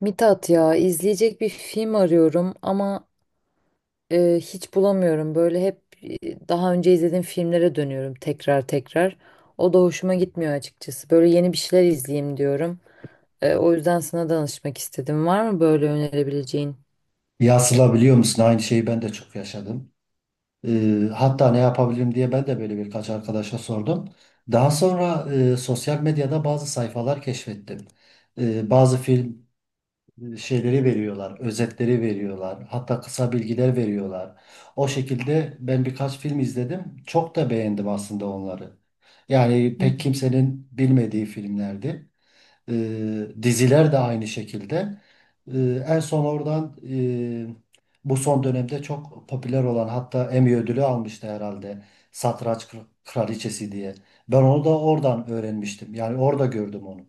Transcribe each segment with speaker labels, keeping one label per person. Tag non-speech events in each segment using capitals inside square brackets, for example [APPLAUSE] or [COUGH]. Speaker 1: Mithat ya izleyecek bir film arıyorum ama hiç bulamıyorum. Böyle hep daha önce izlediğim filmlere dönüyorum tekrar tekrar. O da hoşuma gitmiyor açıkçası. Böyle yeni bir şeyler izleyeyim diyorum. O yüzden sana danışmak istedim. Var mı böyle önerebileceğin?
Speaker 2: Ya Sıla, biliyor musun, aynı şeyi ben de çok yaşadım. Hatta ne yapabilirim diye ben de böyle birkaç arkadaşa sordum. Daha sonra sosyal medyada bazı sayfalar keşfettim. Bazı film şeyleri veriyorlar, özetleri veriyorlar, hatta kısa bilgiler veriyorlar. O şekilde ben birkaç film izledim. Çok da beğendim aslında onları. Yani
Speaker 1: Hı
Speaker 2: pek
Speaker 1: hı.
Speaker 2: kimsenin bilmediği filmlerdi. Diziler de aynı şekilde. E, En son oradan e, bu son dönemde çok popüler olan, hatta Emmy ödülü almıştı herhalde. Satranç Kraliçesi diye. Ben onu da oradan öğrenmiştim. Yani orada gördüm onu.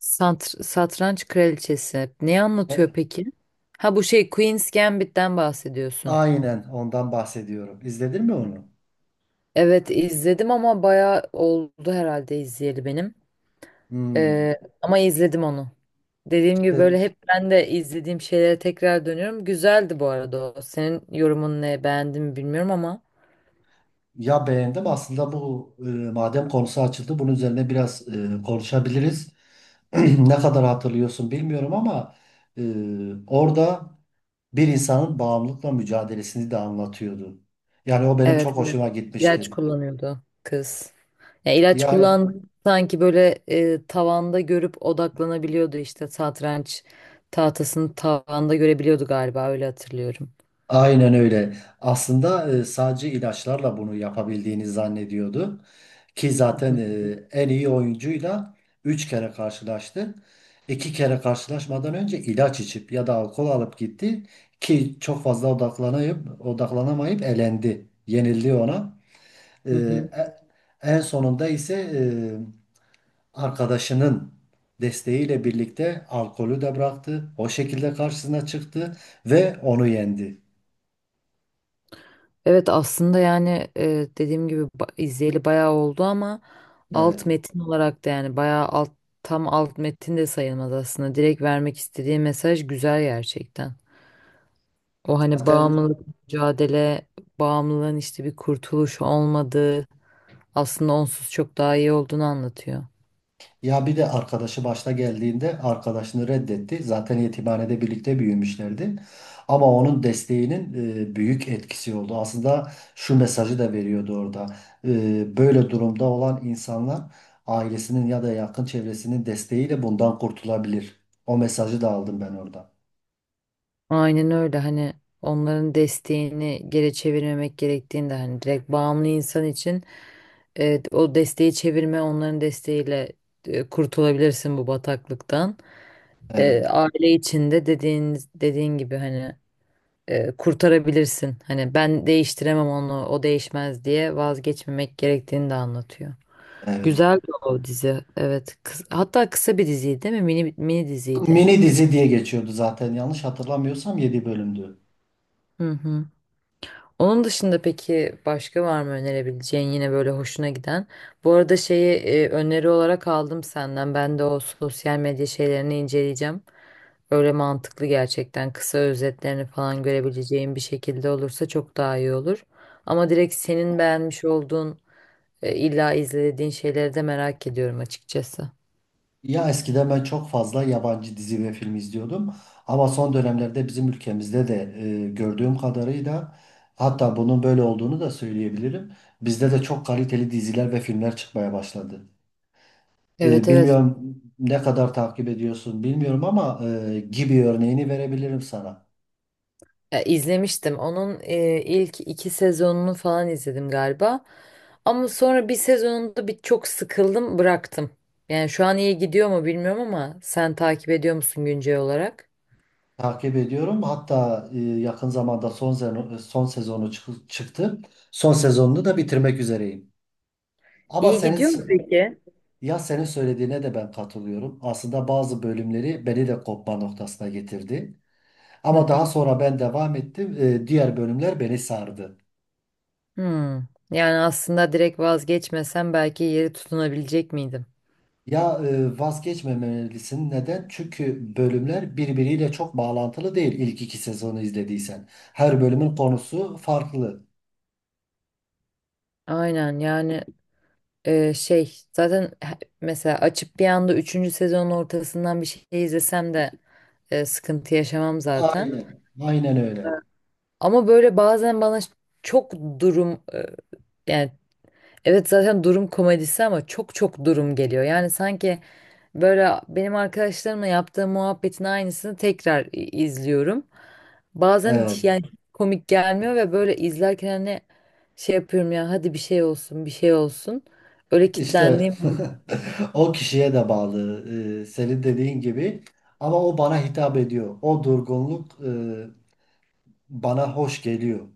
Speaker 1: Satranç Kraliçesi. Ne anlatıyor
Speaker 2: E,
Speaker 1: peki? Ha bu şey Queen's Gambit'ten bahsediyorsun.
Speaker 2: aynen ondan bahsediyorum. İzledin mi onu?
Speaker 1: Evet izledim ama bayağı oldu herhalde izleyeli benim.
Speaker 2: Hmm.
Speaker 1: Ee, ama izledim onu. Dediğim gibi
Speaker 2: De-
Speaker 1: böyle hep ben de izlediğim şeylere tekrar dönüyorum. Güzeldi bu arada o. Senin yorumun ne? Beğendin mi bilmiyorum ama.
Speaker 2: Ya, beğendim. Aslında bu madem konusu açıldı, bunun üzerine biraz konuşabiliriz. [CLEARS THROAT] Ne kadar hatırlıyorsun bilmiyorum ama e, orada bir insanın bağımlılıkla mücadelesini de anlatıyordu. Yani o benim
Speaker 1: Evet,
Speaker 2: çok
Speaker 1: evet.
Speaker 2: hoşuma
Speaker 1: İlaç
Speaker 2: gitmişti.
Speaker 1: kullanıyordu kız. Ya ilaç
Speaker 2: Yani,
Speaker 1: kullandı
Speaker 2: evet.
Speaker 1: sanki böyle tavanda görüp odaklanabiliyordu işte satranç tahtasını tavanda görebiliyordu galiba öyle hatırlıyorum.
Speaker 2: Aynen öyle. Aslında sadece ilaçlarla bunu yapabildiğini zannediyordu. Ki
Speaker 1: Hı
Speaker 2: zaten
Speaker 1: hı.
Speaker 2: en iyi oyuncuyla 3 kere karşılaştı. 2 kere karşılaşmadan önce ilaç içip ya da alkol alıp gitti. Ki çok fazla odaklanamayıp elendi. Yenildi ona. E,
Speaker 1: Hı hı.
Speaker 2: e- En sonunda ise arkadaşının desteğiyle birlikte alkolü de bıraktı. O şekilde karşısına çıktı ve onu yendi.
Speaker 1: Evet aslında yani dediğim gibi izleyeli bayağı oldu ama alt
Speaker 2: Evet.
Speaker 1: metin olarak da yani bayağı alt tam alt metin de sayılmaz aslında. Direkt vermek istediği mesaj güzel gerçekten. O hani
Speaker 2: Zaten
Speaker 1: bağımlılık mücadele, bağımlılığın işte bir kurtuluş olmadığı, aslında onsuz çok daha iyi olduğunu anlatıyor.
Speaker 2: ya bir de arkadaşı başta geldiğinde arkadaşını reddetti. Zaten yetimhanede birlikte büyümüşlerdi. Ama onun desteğinin büyük etkisi oldu. Aslında şu mesajı da veriyordu orada. Böyle durumda olan insanlar ailesinin ya da yakın çevresinin desteğiyle bundan kurtulabilir. O mesajı da aldım ben orada.
Speaker 1: Aynen öyle hani onların desteğini geri çevirmemek gerektiğini de hani direkt bağımlı insan için o desteği çevirme onların desteğiyle kurtulabilirsin bu bataklıktan. E,
Speaker 2: Evet,
Speaker 1: aile içinde dediğin gibi hani kurtarabilirsin. Hani ben değiştiremem onu o değişmez diye vazgeçmemek gerektiğini de anlatıyor.
Speaker 2: evet.
Speaker 1: Güzel o dizi. Evet. Hatta kısa bir diziydi değil mi? Mini mini diziydi.
Speaker 2: Mini dizi diye geçiyordu zaten, yanlış hatırlamıyorsam 7 bölümdü.
Speaker 1: Hı hı. Onun dışında peki başka var mı önerebileceğin yine böyle hoşuna giden? Bu arada şeyi öneri olarak aldım senden. Ben de o sosyal medya şeylerini inceleyeceğim. Öyle mantıklı gerçekten. Kısa özetlerini falan görebileceğim bir şekilde olursa çok daha iyi olur. Ama direkt senin beğenmiş olduğun illa izlediğin şeyleri de merak ediyorum açıkçası.
Speaker 2: Ya, eskiden ben çok fazla yabancı dizi ve film izliyordum ama son dönemlerde bizim ülkemizde de gördüğüm kadarıyla, hatta bunun böyle olduğunu da söyleyebilirim. Bizde de çok kaliteli diziler ve filmler çıkmaya başladı.
Speaker 1: Evet, evet.
Speaker 2: Bilmiyorum ne kadar takip ediyorsun bilmiyorum ama Gibi örneğini verebilirim sana.
Speaker 1: Ya, izlemiştim. Onun ilk iki sezonunu falan izledim galiba. Ama sonra bir sezonunda çok sıkıldım, bıraktım. Yani şu an iyi gidiyor mu bilmiyorum ama sen takip ediyor musun güncel olarak?
Speaker 2: Takip ediyorum. Hatta yakın zamanda son sezonu çıktı. Son sezonunu da bitirmek üzereyim. Ama
Speaker 1: İyi
Speaker 2: senin
Speaker 1: gidiyor mu peki?
Speaker 2: Ya, senin söylediğine de ben katılıyorum. Aslında bazı bölümleri beni de kopma noktasına getirdi.
Speaker 1: Hı
Speaker 2: Ama daha
Speaker 1: hı.
Speaker 2: sonra ben devam ettim. Diğer bölümler beni sardı.
Speaker 1: Hmm. Yani aslında direkt vazgeçmesem belki yeri tutunabilecek miydim?
Speaker 2: Ya, vazgeçmemelisin. Neden? Çünkü bölümler birbiriyle çok bağlantılı değil ilk 2 sezonu izlediysen. Her bölümün konusu farklı.
Speaker 1: Aynen yani şey zaten mesela açıp bir anda üçüncü sezonun ortasından bir şey izlesem de sıkıntı yaşamam zaten.
Speaker 2: Aynen. Aynen öyle.
Speaker 1: Ama böyle bazen bana çok durum yani evet zaten durum komedisi ama çok çok durum geliyor. Yani sanki böyle benim arkadaşlarımla yaptığım muhabbetin aynısını tekrar izliyorum. Bazen
Speaker 2: Evet.
Speaker 1: hiç yani komik gelmiyor ve böyle izlerken hani şey yapıyorum ya hadi bir şey olsun bir şey olsun. Öyle
Speaker 2: İşte
Speaker 1: kitlendiğim oluyor.
Speaker 2: [LAUGHS] o kişiye de bağlı. Senin dediğin gibi. Ama o bana hitap ediyor. O durgunluk bana hoş geliyor.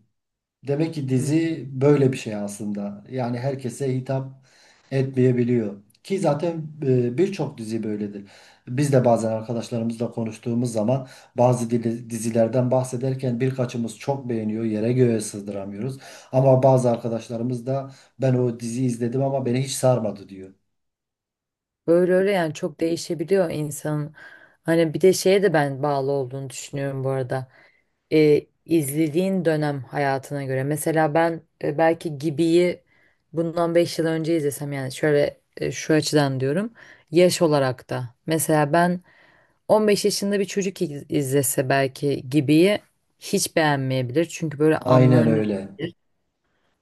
Speaker 2: Demek ki
Speaker 1: Hı.
Speaker 2: dizi böyle bir şey aslında. Yani herkese hitap etmeyebiliyor. Ki zaten birçok dizi böyledir. Biz de bazen arkadaşlarımızla konuştuğumuz zaman bazı dizilerden bahsederken birkaçımız çok beğeniyor, yere göğe sızdıramıyoruz. Ama bazı arkadaşlarımız da ben o diziyi izledim ama beni hiç sarmadı diyor.
Speaker 1: Böyle öyle yani çok değişebiliyor insanın. Hani bir de şeye de ben bağlı olduğunu düşünüyorum bu arada. E, izlediğin dönem hayatına göre. Mesela ben belki Gibi'yi bundan 5 yıl önce izlesem yani şöyle şu açıdan diyorum. Yaş olarak da. Mesela ben 15 yaşında bir çocuk izlese belki Gibi'yi hiç beğenmeyebilir. Çünkü böyle
Speaker 2: Aynen
Speaker 1: anlam
Speaker 2: öyle.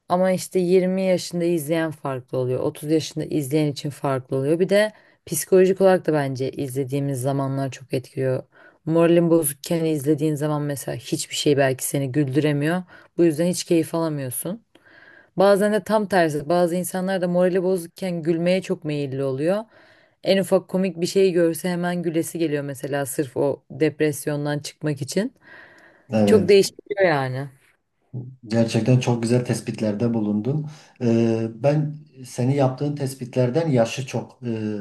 Speaker 1: ama işte 20 yaşında izleyen farklı oluyor. 30 yaşında izleyen için farklı oluyor. Bir de psikolojik olarak da bence izlediğimiz zamanlar çok etkiliyor. Moralin bozukken izlediğin zaman mesela hiçbir şey belki seni güldüremiyor. Bu yüzden hiç keyif alamıyorsun. Bazen de tam tersi. Bazı insanlar da morali bozukken gülmeye çok meyilli oluyor. En ufak komik bir şey görse hemen gülesi geliyor mesela sırf o depresyondan çıkmak için. Çok
Speaker 2: Evet.
Speaker 1: değişiyor yani.
Speaker 2: Gerçekten çok güzel tespitlerde bulundun. Ben seni, yaptığın tespitlerden yaşı çok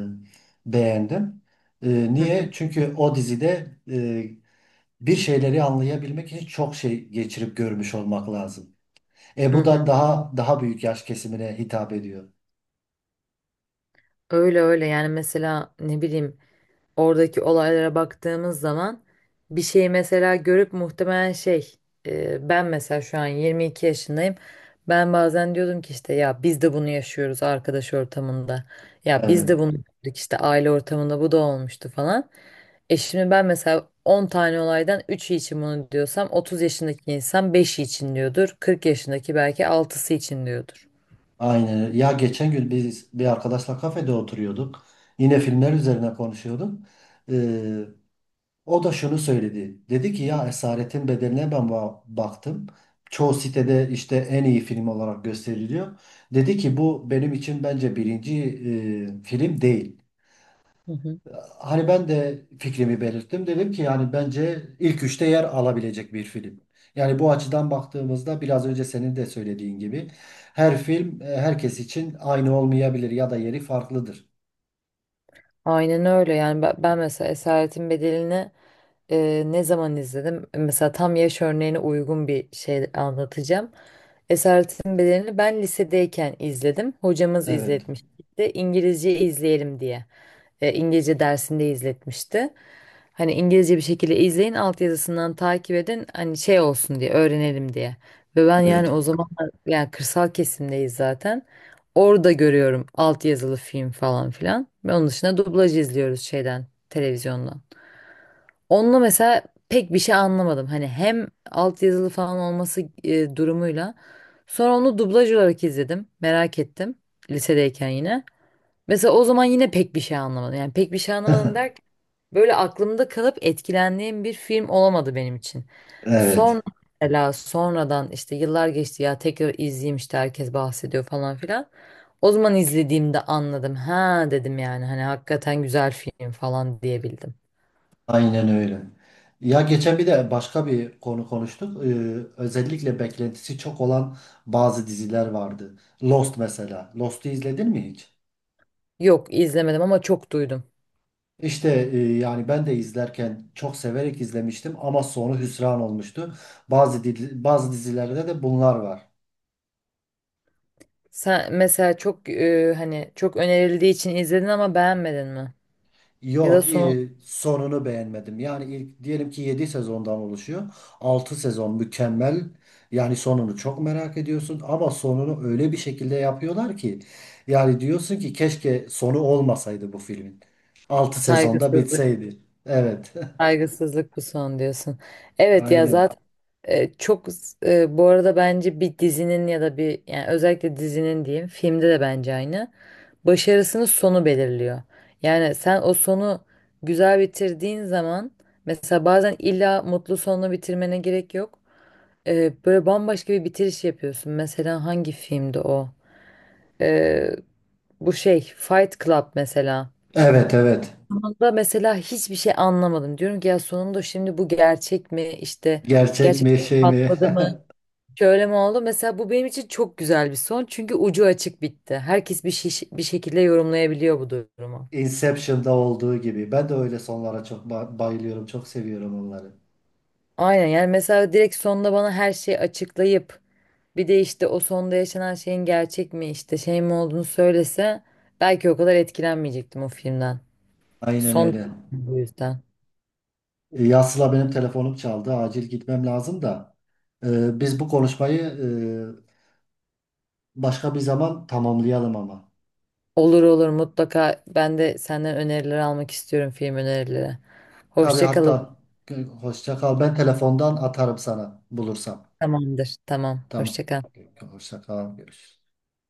Speaker 2: beğendim.
Speaker 1: Hı
Speaker 2: Niye?
Speaker 1: hı
Speaker 2: Çünkü o dizide bir şeyleri anlayabilmek için çok şey geçirip görmüş olmak lazım.
Speaker 1: hı.
Speaker 2: Bu da
Speaker 1: Hı.
Speaker 2: daha daha büyük yaş kesimine hitap ediyor.
Speaker 1: Öyle öyle yani mesela ne bileyim oradaki olaylara baktığımız zaman bir şeyi mesela görüp muhtemelen şey ben mesela şu an 22 yaşındayım. Ben bazen diyordum ki işte ya biz de bunu yaşıyoruz arkadaş ortamında. Ya biz
Speaker 2: Evet.
Speaker 1: de bunu gördük işte aile ortamında bu da olmuştu falan. E şimdi ben mesela 10 tane olaydan üçü için bunu diyorsam 30 yaşındaki insan beşi için diyordur. 40 yaşındaki belki altısı için diyordur.
Speaker 2: Aynen öyle. Ya, geçen gün biz bir arkadaşla kafede oturuyorduk. Yine filmler üzerine konuşuyorduk. Ee, O da şunu söyledi. Dedi ki ya, Esaretin Bedeli'ne ben baktım. Çoğu sitede işte en iyi film olarak gösteriliyor. Dedi ki bu benim için bence birinci film değil.
Speaker 1: Hı hı.
Speaker 2: Hani ben de fikrimi belirttim. Dedim ki yani bence ilk 3'te yer alabilecek bir film. Yani bu açıdan baktığımızda biraz önce senin de söylediğin gibi her film herkes için aynı olmayabilir ya da yeri farklıdır.
Speaker 1: Aynen öyle yani ben mesela Esaretin Bedeli'ni ne zaman izledim? Mesela tam yaş örneğine uygun bir şey anlatacağım. Esaretin Bedeli'ni ben lisedeyken izledim. Hocamız
Speaker 2: Evet.
Speaker 1: izletmişti. İngilizce izleyelim diye. İngilizce dersinde izletmişti. Hani İngilizce bir şekilde izleyin, altyazısından takip edin. Hani şey olsun diye, öğrenelim diye. Ve ben yani
Speaker 2: Evet.
Speaker 1: o zaman yani kırsal kesimdeyiz zaten. Orada görüyorum altyazılı film falan filan. Ve onun dışında dublaj izliyoruz şeyden, televizyondan. Onunla mesela pek bir şey anlamadım. Hani hem altyazılı falan olması durumuyla. Sonra onu dublaj olarak izledim. Merak ettim. Lisedeyken yine. Mesela o zaman yine pek bir şey anlamadım. Yani pek bir şey anlamadım
Speaker 2: [LAUGHS]
Speaker 1: derken böyle aklımda kalıp etkilendiğim bir film olamadı benim için.
Speaker 2: Evet.
Speaker 1: Sonra mesela sonradan işte yıllar geçti ya tekrar izleyeyim işte herkes bahsediyor falan filan. O zaman izlediğimde anladım. Ha dedim yani hani hakikaten güzel film falan diyebildim.
Speaker 2: Aynen öyle. Ya, geçen bir de başka bir konu konuştuk. Özellikle beklentisi çok olan bazı diziler vardı. Lost mesela. Lost'u izledin mi hiç?
Speaker 1: Yok izlemedim ama çok duydum.
Speaker 2: İşte yani ben de izlerken çok severek izlemiştim ama sonu hüsran olmuştu. Bazı dizilerde de bunlar var.
Speaker 1: Sen mesela çok hani çok önerildiği için izledin ama beğenmedin mi? Ya
Speaker 2: Yo,
Speaker 1: da son
Speaker 2: sonunu beğenmedim. Yani ilk diyelim ki 7 sezondan oluşuyor. Altı sezon mükemmel. Yani sonunu çok merak ediyorsun ama sonunu öyle bir şekilde yapıyorlar ki yani diyorsun ki keşke sonu olmasaydı bu filmin. 6 sezonda
Speaker 1: saygısızlık.
Speaker 2: bitseydi. Evet.
Speaker 1: Saygısızlık bu son diyorsun.
Speaker 2: [LAUGHS]
Speaker 1: Evet ya
Speaker 2: Aynen.
Speaker 1: zaten çok bu arada bence bir dizinin ya da bir yani özellikle dizinin diyeyim filmde de bence aynı. Başarısının sonu belirliyor. Yani sen o sonu güzel bitirdiğin zaman mesela bazen illa mutlu sonla bitirmene gerek yok. Böyle bambaşka bir bitiriş yapıyorsun. Mesela hangi filmdi o? E, bu şey Fight Club mesela
Speaker 2: Evet, evet.
Speaker 1: da mesela hiçbir şey anlamadım. Diyorum ki ya sonunda şimdi bu gerçek mi? İşte
Speaker 2: Gerçek
Speaker 1: gerçek
Speaker 2: mi, şey mi?
Speaker 1: patladı mı? Şöyle mi oldu? Mesela bu benim için çok güzel bir son. Çünkü ucu açık bitti. Herkes bir şekilde yorumlayabiliyor bu durumu.
Speaker 2: [LAUGHS] Inception'da olduğu gibi. Ben de öyle sonlara çok bayılıyorum. Çok seviyorum onları.
Speaker 1: Aynen yani mesela direkt sonda bana her şeyi açıklayıp bir de işte o sonda yaşanan şeyin gerçek mi işte şey mi olduğunu söylese belki o kadar etkilenmeyecektim o filmden.
Speaker 2: Aynen
Speaker 1: Son
Speaker 2: öyle.
Speaker 1: çok bu yüzden.
Speaker 2: Ya Sıla, benim telefonum çaldı. Acil gitmem lazım da. Biz bu konuşmayı başka bir zaman tamamlayalım ama.
Speaker 1: Olur, olur, mutlaka ben de senden öneriler almak istiyorum film önerileri.
Speaker 2: Tabii,
Speaker 1: Hoşça kalın.
Speaker 2: hatta hoşça kal. Ben telefondan atarım sana bulursam.
Speaker 1: Tamamdır. Tamam.
Speaker 2: Tamam.
Speaker 1: Hoşça kal.
Speaker 2: Hoşça kal. Görüşürüz.